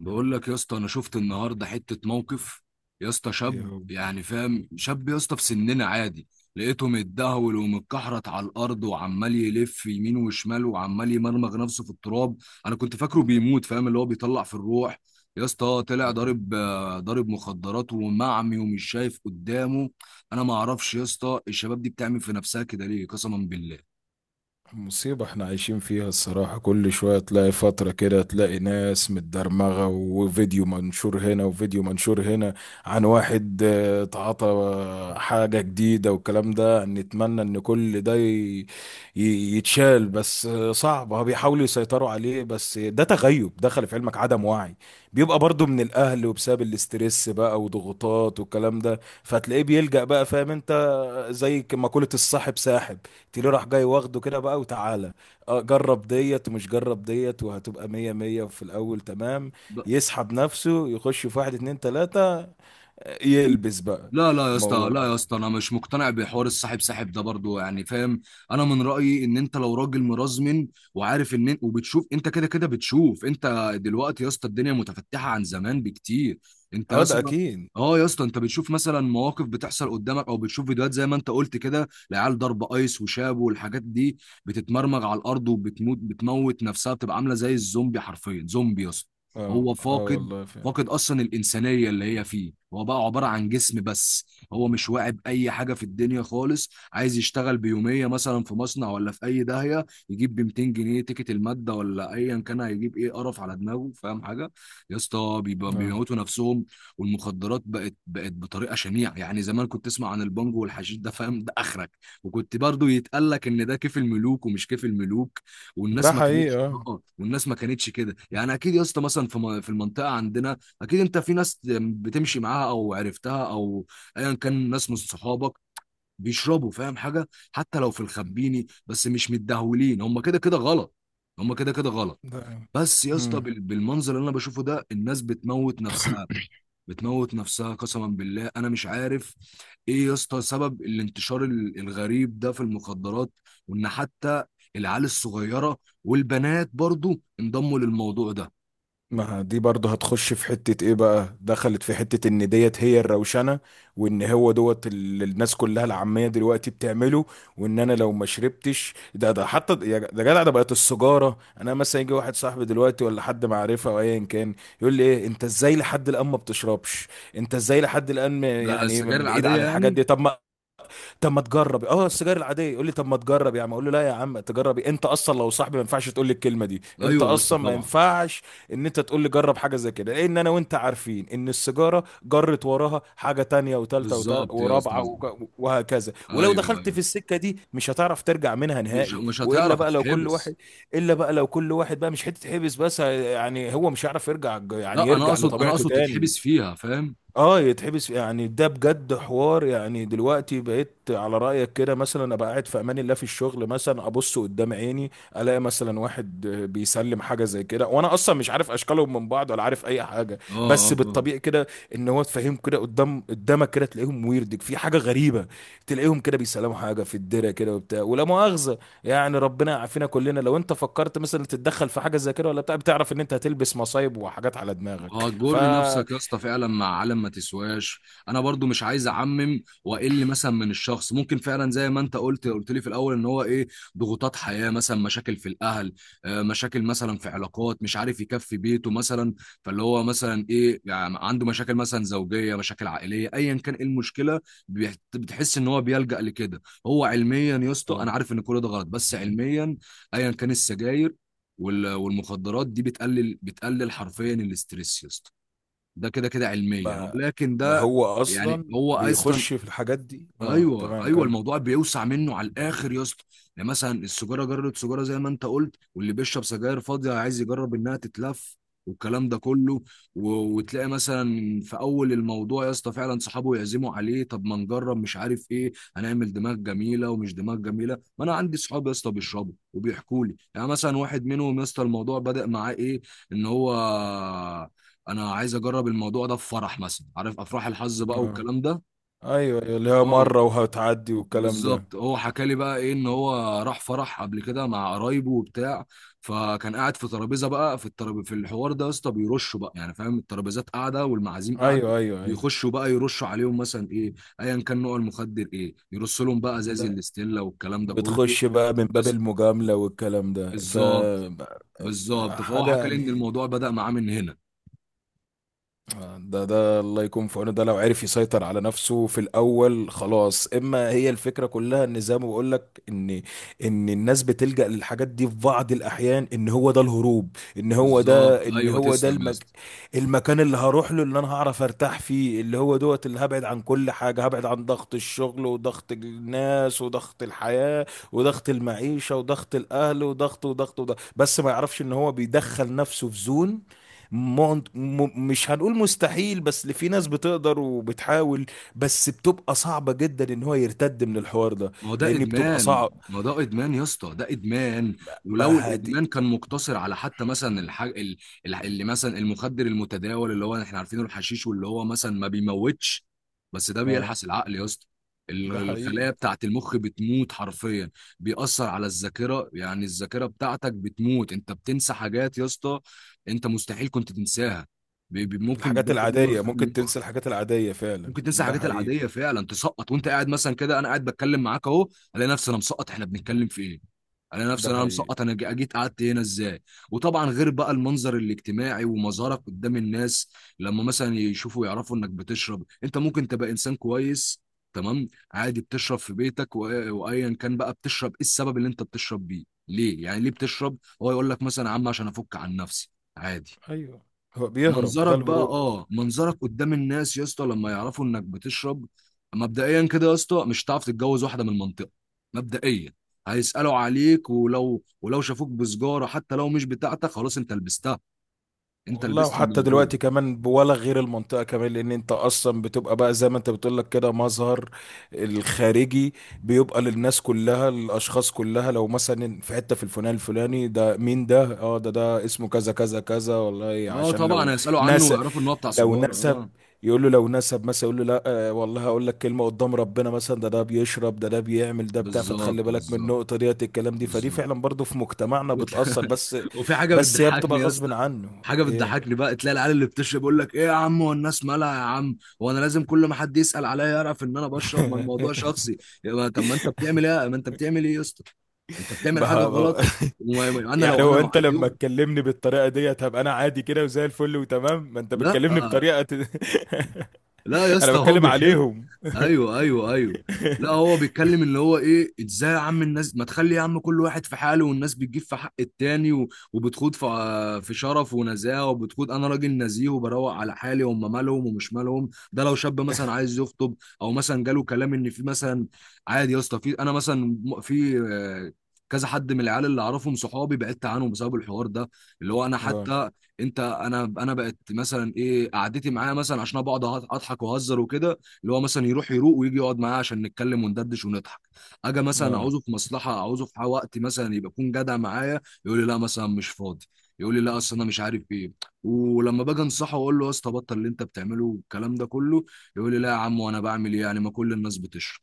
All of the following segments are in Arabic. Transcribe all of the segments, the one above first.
بقول لك يا اسطى، انا شفت النهارده حته موقف يا اسطى. ايه شاب، هو؟ يعني فاهم، شاب يا اسطى في سننا عادي. لقيته متدهول ومتكحرت على الارض، وعمال يلف يمين وشمال، وعمال يمرمغ نفسه في التراب. انا كنت فاكره لا، بيموت، فاهم؟ اللي هو بيطلع في الروح. يا اسطى طلع لا. ضارب، ضارب مخدرات ومعمي ومش شايف قدامه. انا ما اعرفش يا اسطى الشباب دي بتعمل في نفسها كده ليه، قسما بالله. مصيبة احنا عايشين فيها الصراحة. كل شوية تلاقي فترة كده تلاقي ناس متدرمغة، وفيديو منشور هنا وفيديو منشور هنا عن واحد تعاطى حاجة جديدة، والكلام ده نتمنى ان كل ده يتشال، بس صعب. هو بيحاولوا يسيطروا عليه، بس ده تغيب. دخل في علمك، عدم وعي. بيبقى برضو من الاهل وبسبب الاسترس بقى وضغوطات والكلام ده، فتلاقيه بيلجأ بقى. فاهم انت، زي مقولة الصاحب ساحب. تيلي راح جاي واخده كده بقى وتعالى، اه جرب ديت ومش جرب ديت وهتبقى مية مية في الأول، تمام. يسحب نفسه يخش في واحد اتنين تلاتة، يلبس بقى لا لا يا اسطى، موضوع. لا يا اسطى، انا مش مقتنع بحوار الصاحب ساحب ده برضو، يعني فاهم. انا من رايي ان انت لو راجل مرزمن وعارف ان، وبتشوف انت كده كده، بتشوف انت دلوقتي يا اسطى الدنيا متفتحه عن زمان بكتير. انت يا اه ده اسطى. أكيد. اه يا اسطى، انت بتشوف مثلا مواقف بتحصل قدامك او بتشوف فيديوهات زي ما انت قلت كده، العيال ضرب ايس وشاب والحاجات دي، بتتمرمغ على الارض وبتموت، بتموت نفسها، بتبقى عامله زي الزومبي، حرفيا زومبي يا اسطى. اه، هو اه، فاقد والله فعلا. فاقد اصلا الانسانيه اللي هي فيه، هو بقى عباره عن جسم بس. هو مش واعي باي حاجه في الدنيا خالص، عايز يشتغل بيوميه مثلا في مصنع ولا في اي داهيه، يجيب ب 200 جنيه تيكت الماده ولا ايا كان، هيجيب ايه قرف على دماغه، فاهم حاجه؟ يا اسطى، اه، بيموتوا نفسهم. والمخدرات بقت بطريقه شنيعه، يعني زمان كنت تسمع عن البانجو والحشيش ده، فاهم؟ ده اخرك. وكنت برضو يتقال لك ان ده كيف الملوك ومش كيف الملوك، ده والناس ما حقيقي. كانتش. اه، اه، والناس ما كانتش كده يعني، اكيد يا اسطى مثلا في المنطقه عندنا، اكيد انت في ناس بتمشي معاها او عرفتها، او ايا كان ناس من صحابك بيشربوا، فاهم حاجه؟ حتى لو في الخبيني، بس مش متدهولين، هم كده كده غلط، هم كده كده غلط. ده. بس يا اسطى، مم. بالمنظر اللي انا بشوفه ده، الناس بتموت نفسها، بتموت نفسها قسما بالله، انا مش عارف ايه يا اسطى سبب الانتشار الغريب ده في المخدرات. وان حتى العيال الصغيره والبنات برضو انضموا للموضوع ده. ما دي برضه هتخش في حتة ايه بقى؟ دخلت في حتة ان ديت هي الروشنة، وان هو دوت اللي الناس كلها العامية دلوقتي بتعمله، وان انا لو ما شربتش ده، ده حتى يا ده جدع، ده بقت السجارة. انا مثلا يجي واحد صاحبي دلوقتي، ولا حد معرفة، او ايا كان، يقول لي ايه انت ازاي لحد الان ما بتشربش؟ انت ازاي لحد الان ده يعني السجاير بعيد العاديه عن الحاجات يعني. دي؟ طب ما، طب ما تجرب اه السجاير العاديه. يقول لي طب ما تجرب يا عم. اقول له لا يا عم، تجربي انت اصلا لو صاحبي ما ينفعش تقول لي الكلمه دي، انت ايوه يا اسطى، اصلا ما طبعا. ينفعش ان انت تقول لي جرب حاجه زي كده. لان انا وانت عارفين ان السيجاره جرت وراها حاجه تانية وتالتة بالظبط يا ورابعه اسطى، وهكذا، ولو ايوه دخلت في ايوه، السكه دي مش هتعرف ترجع منها مش نهائي. مش والا هتعرف، بقى لو كل هتتحبس. واحد، الا بقى لو كل واحد بقى مش حته حبس بس، يعني هو مش هيعرف يرجع، يعني لا، انا يرجع اقصد انا لطبيعته اقصد تاني. تتحبس فيها، فاهم؟ اه يتحبس يعني، ده بجد حوار. يعني دلوقتي بقيت على رأيك كده، مثلا ابقى قاعد في امان الله في الشغل، مثلا ابص قدام عيني الاقي مثلا واحد بيسلم حاجة زي كده، وانا اصلا مش عارف اشكالهم من بعض، ولا عارف اي حاجة. اه اه، بس فاهم. بالطبيعي كده ان هو تفهم كده قدام، قدامك كده تلاقيهم، ويردك في حاجة غريبة، تلاقيهم كده بيسلموا حاجة في الدرة كده وبتاع ولا مؤاخذة. يعني ربنا يعافينا كلنا. لو انت فكرت مثلا تتدخل في حاجة زي كده ولا بتاع، بتعرف ان انت هتلبس مصايب وحاجات على دماغك، ف هتجر نفسك يا اسطى فعلا مع عالم ما تسواش. انا برضو مش عايز اعمم، واقل مثلا من الشخص ممكن فعلا زي ما انت قلت لي في الاول ان هو ايه، ضغوطات حياه، مثلا مشاكل في الاهل، مشاكل مثلا في علاقات، مش عارف يكفي بيته مثلا، فاللي هو مثلا ايه يعني، عنده مشاكل مثلا زوجيه، مشاكل عائليه، ايا كان ايه المشكله، بتحس ان هو بيلجأ لكده. هو علميا يا اسطى، انا عارف ان كل ده غلط، بس علميا، ايا كان السجاير والمخدرات دي بتقلل حرفيا الاستريس يا اسطى، ده كده كده علميا، ما ولكن ما ده. هو يعني اصلا هو اصلا، بيخش في الحاجات دي. اه ايوه تمام، ايوه، كم. الموضوع بيوسع منه على الاخر يا اسطى. يعني مثلا السجاره، جربت سجاره زي ما انت قلت، واللي بيشرب سجاير فاضيه عايز يجرب انها تتلف والكلام ده كله و... وتلاقي مثلا في اول الموضوع يا اسطى فعلا صحابه يعزموا عليه، طب ما نجرب، مش عارف ايه، هنعمل دماغ جميله ومش دماغ جميله، ما انا عندي صحاب يا اسطى بيشربوا وبيحكوا لي، يعني مثلا واحد منهم يا اسطى الموضوع بدأ معاه ايه، ان هو انا عايز اجرب الموضوع ده في فرح مثلا، عارف افراح الحظ بقى اه، والكلام ده. ايوه، ايوه، اللي هي اه، مره وهتعدي والكلام ده. بالظبط، هو حكى لي بقى ايه، ان هو راح فرح قبل كده مع قرايبه وبتاع، فكان قاعد في ترابيزه بقى، في الترابيزه في الحوار ده يا اسطى بيرشوا بقى، يعني فاهم، الترابيزات قاعده والمعازيم قاعده، ايوه، ايوه، ايوه. بيخشوا بقى يرشوا عليهم مثلا ايه، ايا كان نوع المخدر ايه، يرصوا لهم بقى ازاز ده الاستيلا والكلام ده كله. بتخش بقى من باب بس المجامله والكلام ده، ف بالظبط، بالظبط، فهو حاجه حكى لي يعني. ان الموضوع بدأ معاه من هنا. ده ده الله يكون في عونه. ده لو عرف يسيطر على نفسه في الاول خلاص. اما هي الفكره كلها، ان زي ما بقول لك، ان ان الناس بتلجأ للحاجات دي في بعض الاحيان، ان هو ده الهروب. ان هو بالظبط ده، ان ايوه، هو ده تسلم يا اسطى. المكان اللي هروح له، اللي انا هعرف ارتاح فيه، اللي هو دوت، اللي هبعد عن كل حاجه. هبعد عن ضغط الشغل وضغط الناس وضغط الحياه وضغط المعيشه وضغط الاهل وضغط وضغط وضغط. بس ما يعرفش ان هو بيدخل نفسه في زون مش هنقول مستحيل، بس اللي في ناس بتقدر وبتحاول، بس بتبقى صعبة جدا ان هو يرتد من الحوار ده، ما هو ده لان بتبقى ادمان، صعب. ما هو ده ادمان يا اسطى، ده ادمان. ما ولو هادي. الادمان كان مقتصر على حتى مثلا الحاج اللي مثلا المخدر المتداول اللي هو احنا عارفينه، الحشيش، واللي هو مثلا ما بيموتش، بس ده اه، بيلحس العقل يا اسطى. ده الخلايا حقيقي. بتاعت المخ بتموت حرفيا. بيأثر على الذاكرة، يعني الذاكرة بتاعتك بتموت، انت بتنسى حاجات يا اسطى انت مستحيل كنت تنساها. ممكن الحاجات ده بيدمر العادية خلايا ممكن المخ. تنسى، الحاجات العادية فعلا، ممكن تنسى ده الحاجات حقيقي، العاديه فعلا، تسقط وانت قاعد مثلا كده، انا قاعد بتكلم معاك اهو، الاقي نفسي انا مسقط احنا بنتكلم في ايه، الاقي ده نفسي انا حقيقي. مسقط، انا جيت قعدت هنا ازاي. وطبعا غير بقى المنظر الاجتماعي ومظهرك قدام الناس، لما مثلا يشوفوا يعرفوا انك بتشرب، انت ممكن تبقى انسان كويس، تمام، عادي بتشرب في بيتك، وايا كان بقى، بتشرب ايه السبب اللي انت بتشرب بيه؟ ليه يعني ليه بتشرب؟ هو يقول لك مثلا يا عم عشان افك عن نفسي، عادي. ايوه، هو بيهرب، ده منظرك بقى، الهروب. اه منظرك قدام الناس يا اسطى، لما يعرفوا انك بتشرب، مبدئيا كده يا اسطى مش هتعرف تتجوز واحده من المنطقه، مبدئيا، هيسالوا عليك، ولو شافوك بسجاره حتى لو مش بتاعتك، خلاص، انت لبستها، انت والله لبست وحتى الموضوع. دلوقتي كمان، ولا غير المنطقة كمان، لأن أنت أصلا بتبقى بقى زي ما أنت بتقول لك كده، مظهر الخارجي بيبقى للناس كلها، للأشخاص كلها. لو مثلا في حتة في الفلان، الفلاني ده مين ده؟ أه ده ده اسمه كذا كذا كذا، والله. اه عشان طبعا، لو هيسالوا عنه نسب، ويعرفوا ان هو بتاع لو سجاره، نسب، اه. يقول له لو نسب مثلا، يقول له لا والله هقول لك كلمة قدام ربنا مثلا، ده ده بيشرب، ده ده بيعمل ده بتاع. فتخلي بالظبط، بالك من بالظبط، النقطة ديت، الكلام دي فدي بالظبط. فعلا برضو في مجتمعنا بتأثر، بس وفي حاجه بس هي بتبقى بتضحكني يا اسطى، غصب عنه حاجه إيه. بتضحكني بقى، تلاقي العيال اللي بتشرب يقول لك ايه يا عم، هو الناس مالها يا عم، هو انا لازم كل ما حد يسال عليا يعرف ان انا بشرب؟ ما الموضوع شخصي. يبقى طب ما انت بتعمل ايه، ما انت بتعمل ايه يا اسطى؟ انت بتعمل حاجه ما- ما- غلط. انا يعني لو انا هو لو انت عندي لما اخت. تكلمني بالطريقه ديت هبقى انا عادي كده وزي الفل وتمام. ما انت لا بتكلمني بطريقه لا يا انا اسطى، هو بتكلم بيتكلم، عليهم. ايوه ايوه ايوه. لا، هو بيتكلم، اللي هو ايه، ازاي يا عم الناس ما تخلي، يا عم كل واحد في حاله، والناس بتجيب في حق التاني وبتخوض في في شرف ونزاهه، وبتخوض، انا راجل نزيه وبروق على حالي، هم مالهم ومش مالهم، ده لو شاب مثلا عايز يخطب او مثلا جاله كلام ان في مثلا، عادي يا اسطى، في انا مثلا في كذا حد من العيال اللي اعرفهم صحابي بعدت عنهم بسبب الحوار ده، اللي هو انا اه، حتى، انت انا بقت مثلا ايه، قعدتي معاه مثلا عشان انا بقعد اضحك واهزر وكده، اللي هو مثلا يروح يروق ويجي يقعد معاه عشان نتكلم وندردش ونضحك. اجي مثلا اه. عاوزه في مصلحه، عاوزه في وقت مثلا يبقى يكون جدع معايا، يقول لي لا مثلا مش فاضي، يقول لي لا اصل انا مش عارف ايه. ولما باجي انصحه واقول له يا اسطى بطل اللي انت بتعمله والكلام ده كله، يقول لي لا يا عم، وانا بعمل ايه يعني؟ ما كل الناس بتشرب،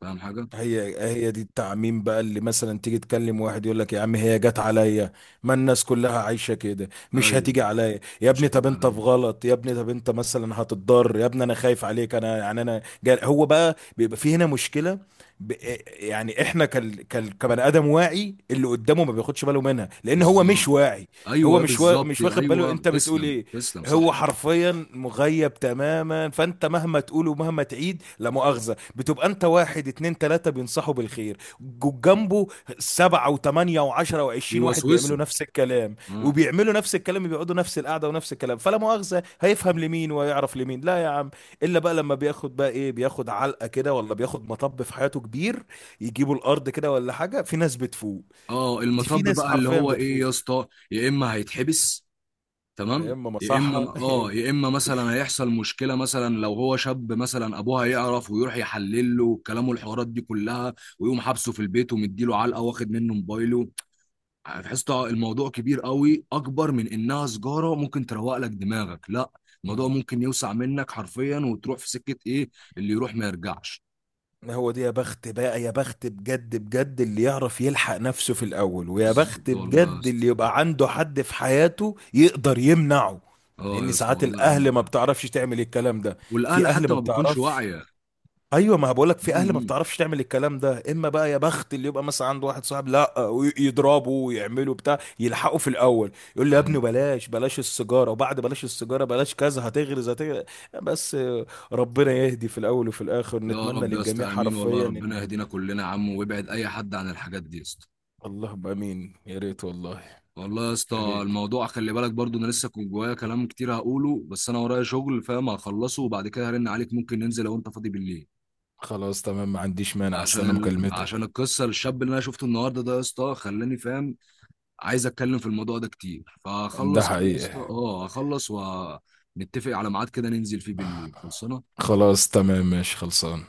فاهم حاجه؟ هي هي دي التعميم بقى، اللي مثلا تيجي تكلم واحد يقول لك يا عم هي جت عليا، ما الناس كلها عايشة كده، مش ايوه، هتيجي عليا. يا مش ابني هتيجي طب على انت في نفسي. غلط، يا ابني طب انت مثلا هتتضر، يا ابني انا خايف عليك. انا يعني انا هو بقى بيبقى في هنا مشكلة. ب... آه، يعني احنا كبني ادم واعي اللي قدامه ما بياخدش باله منها، لان هو بالظبط مش واعي. هو ايوه، بالظبط مش واخد باله ايوه، انت بتقول تسلم، ايه. تسلم، هو صح. حرفيا مغيب تماما، فانت مهما تقول ومهما تعيد لا مؤاخذة، بتبقى انت واحد اتنين تلاتة بينصحوا بالخير جنبه. سبعة وتمانية وعشرة وعشرين واحد بيعملوا بيوسوسه، نفس الكلام، اه. وبيعملوا نفس الكلام، بيقعدوا نفس القعدة ونفس الكلام، فلا مؤاخذة هيفهم لمين ويعرف لمين؟ لا يا عم. الا بقى لما بياخد بقى ايه، بياخد علقة كده، ولا بياخد مطب في حياته كبير، يجيبوا الارض كده ولا حاجة. في ناس بتفوق، اه، دي في المطب ناس بقى اللي حرفيا هو ايه بتفوق. يا اسطى، يا اما هيتحبس، يا تمام، اما يا اما، مصحة، يا اه، يا اما مثلا هيحصل مشكله، مثلا لو هو شاب مثلا ابوه هيعرف ويروح يحلل له كلامه، الحوارات دي كلها، ويقوم حابسه في البيت ومديله علقه واخد منه موبايله، تحس الموضوع كبير قوي، اكبر من انها سجاره ممكن تروق لك دماغك، لا، الموضوع اما. ممكن يوسع منك حرفيا، وتروح في سكه ايه، اللي يروح ما يرجعش. ما هو دي يا بخت بقى، يا بخت بجد، بجد اللي يعرف يلحق نفسه في الأول، ويا بخت بالظبط والله يا بجد اسطى، اللي يبقى عنده حد في حياته يقدر يمنعه. اه يا لأن اسطى ساعات والله الأهل عندك ما حق. بتعرفش تعمل الكلام ده، والاهل في أهل حتى ما ما بتكونش بتعرفش. واعيه. ايوه، ما بقولك في اهل ما مم. بتعرفش تعمل الكلام ده. اما بقى يا بخت اللي يبقى مثلا عنده واحد صاحب لا، ويضربه ويعمله بتاع، يلحقه في الاول، يقول يا له يا ابني عم، بلاش، بلاش السيجاره، وبعد بلاش السيجاره بلاش كذا، هتغرز، هتغرز. بس ربنا يهدي في الاول وفي الاخر. يا نتمنى رب يا للجميع اسطى امين، والله حرفيا ربنا ان، يهدينا كلنا يا عم، ويبعد اي حد عن الحاجات دي يا اسطى، اللهم امين. يا ريت والله، والله يا يا اسطى. ريت. الموضوع خلي بالك برضو، انا لسه كنت جوايا كلام كتير هقوله، بس انا ورايا شغل، فاهم، هخلصه وبعد كده هرن عليك، ممكن ننزل لو انت فاضي بالليل، خلاص تمام، ما عنديش مانع، عشان استنى مكالمتك. عشان القصه، الشاب اللي انا شفته النهارده ده يا اسطى خلاني، فاهم، عايز اتكلم في الموضوع ده كتير، ده فهخلص كده يا اسطى، حقيقة. اه هخلص ونتفق على ميعاد كده ننزل فيه بالليل، خلصانه. خلاص تمام، ماشي، خلصان.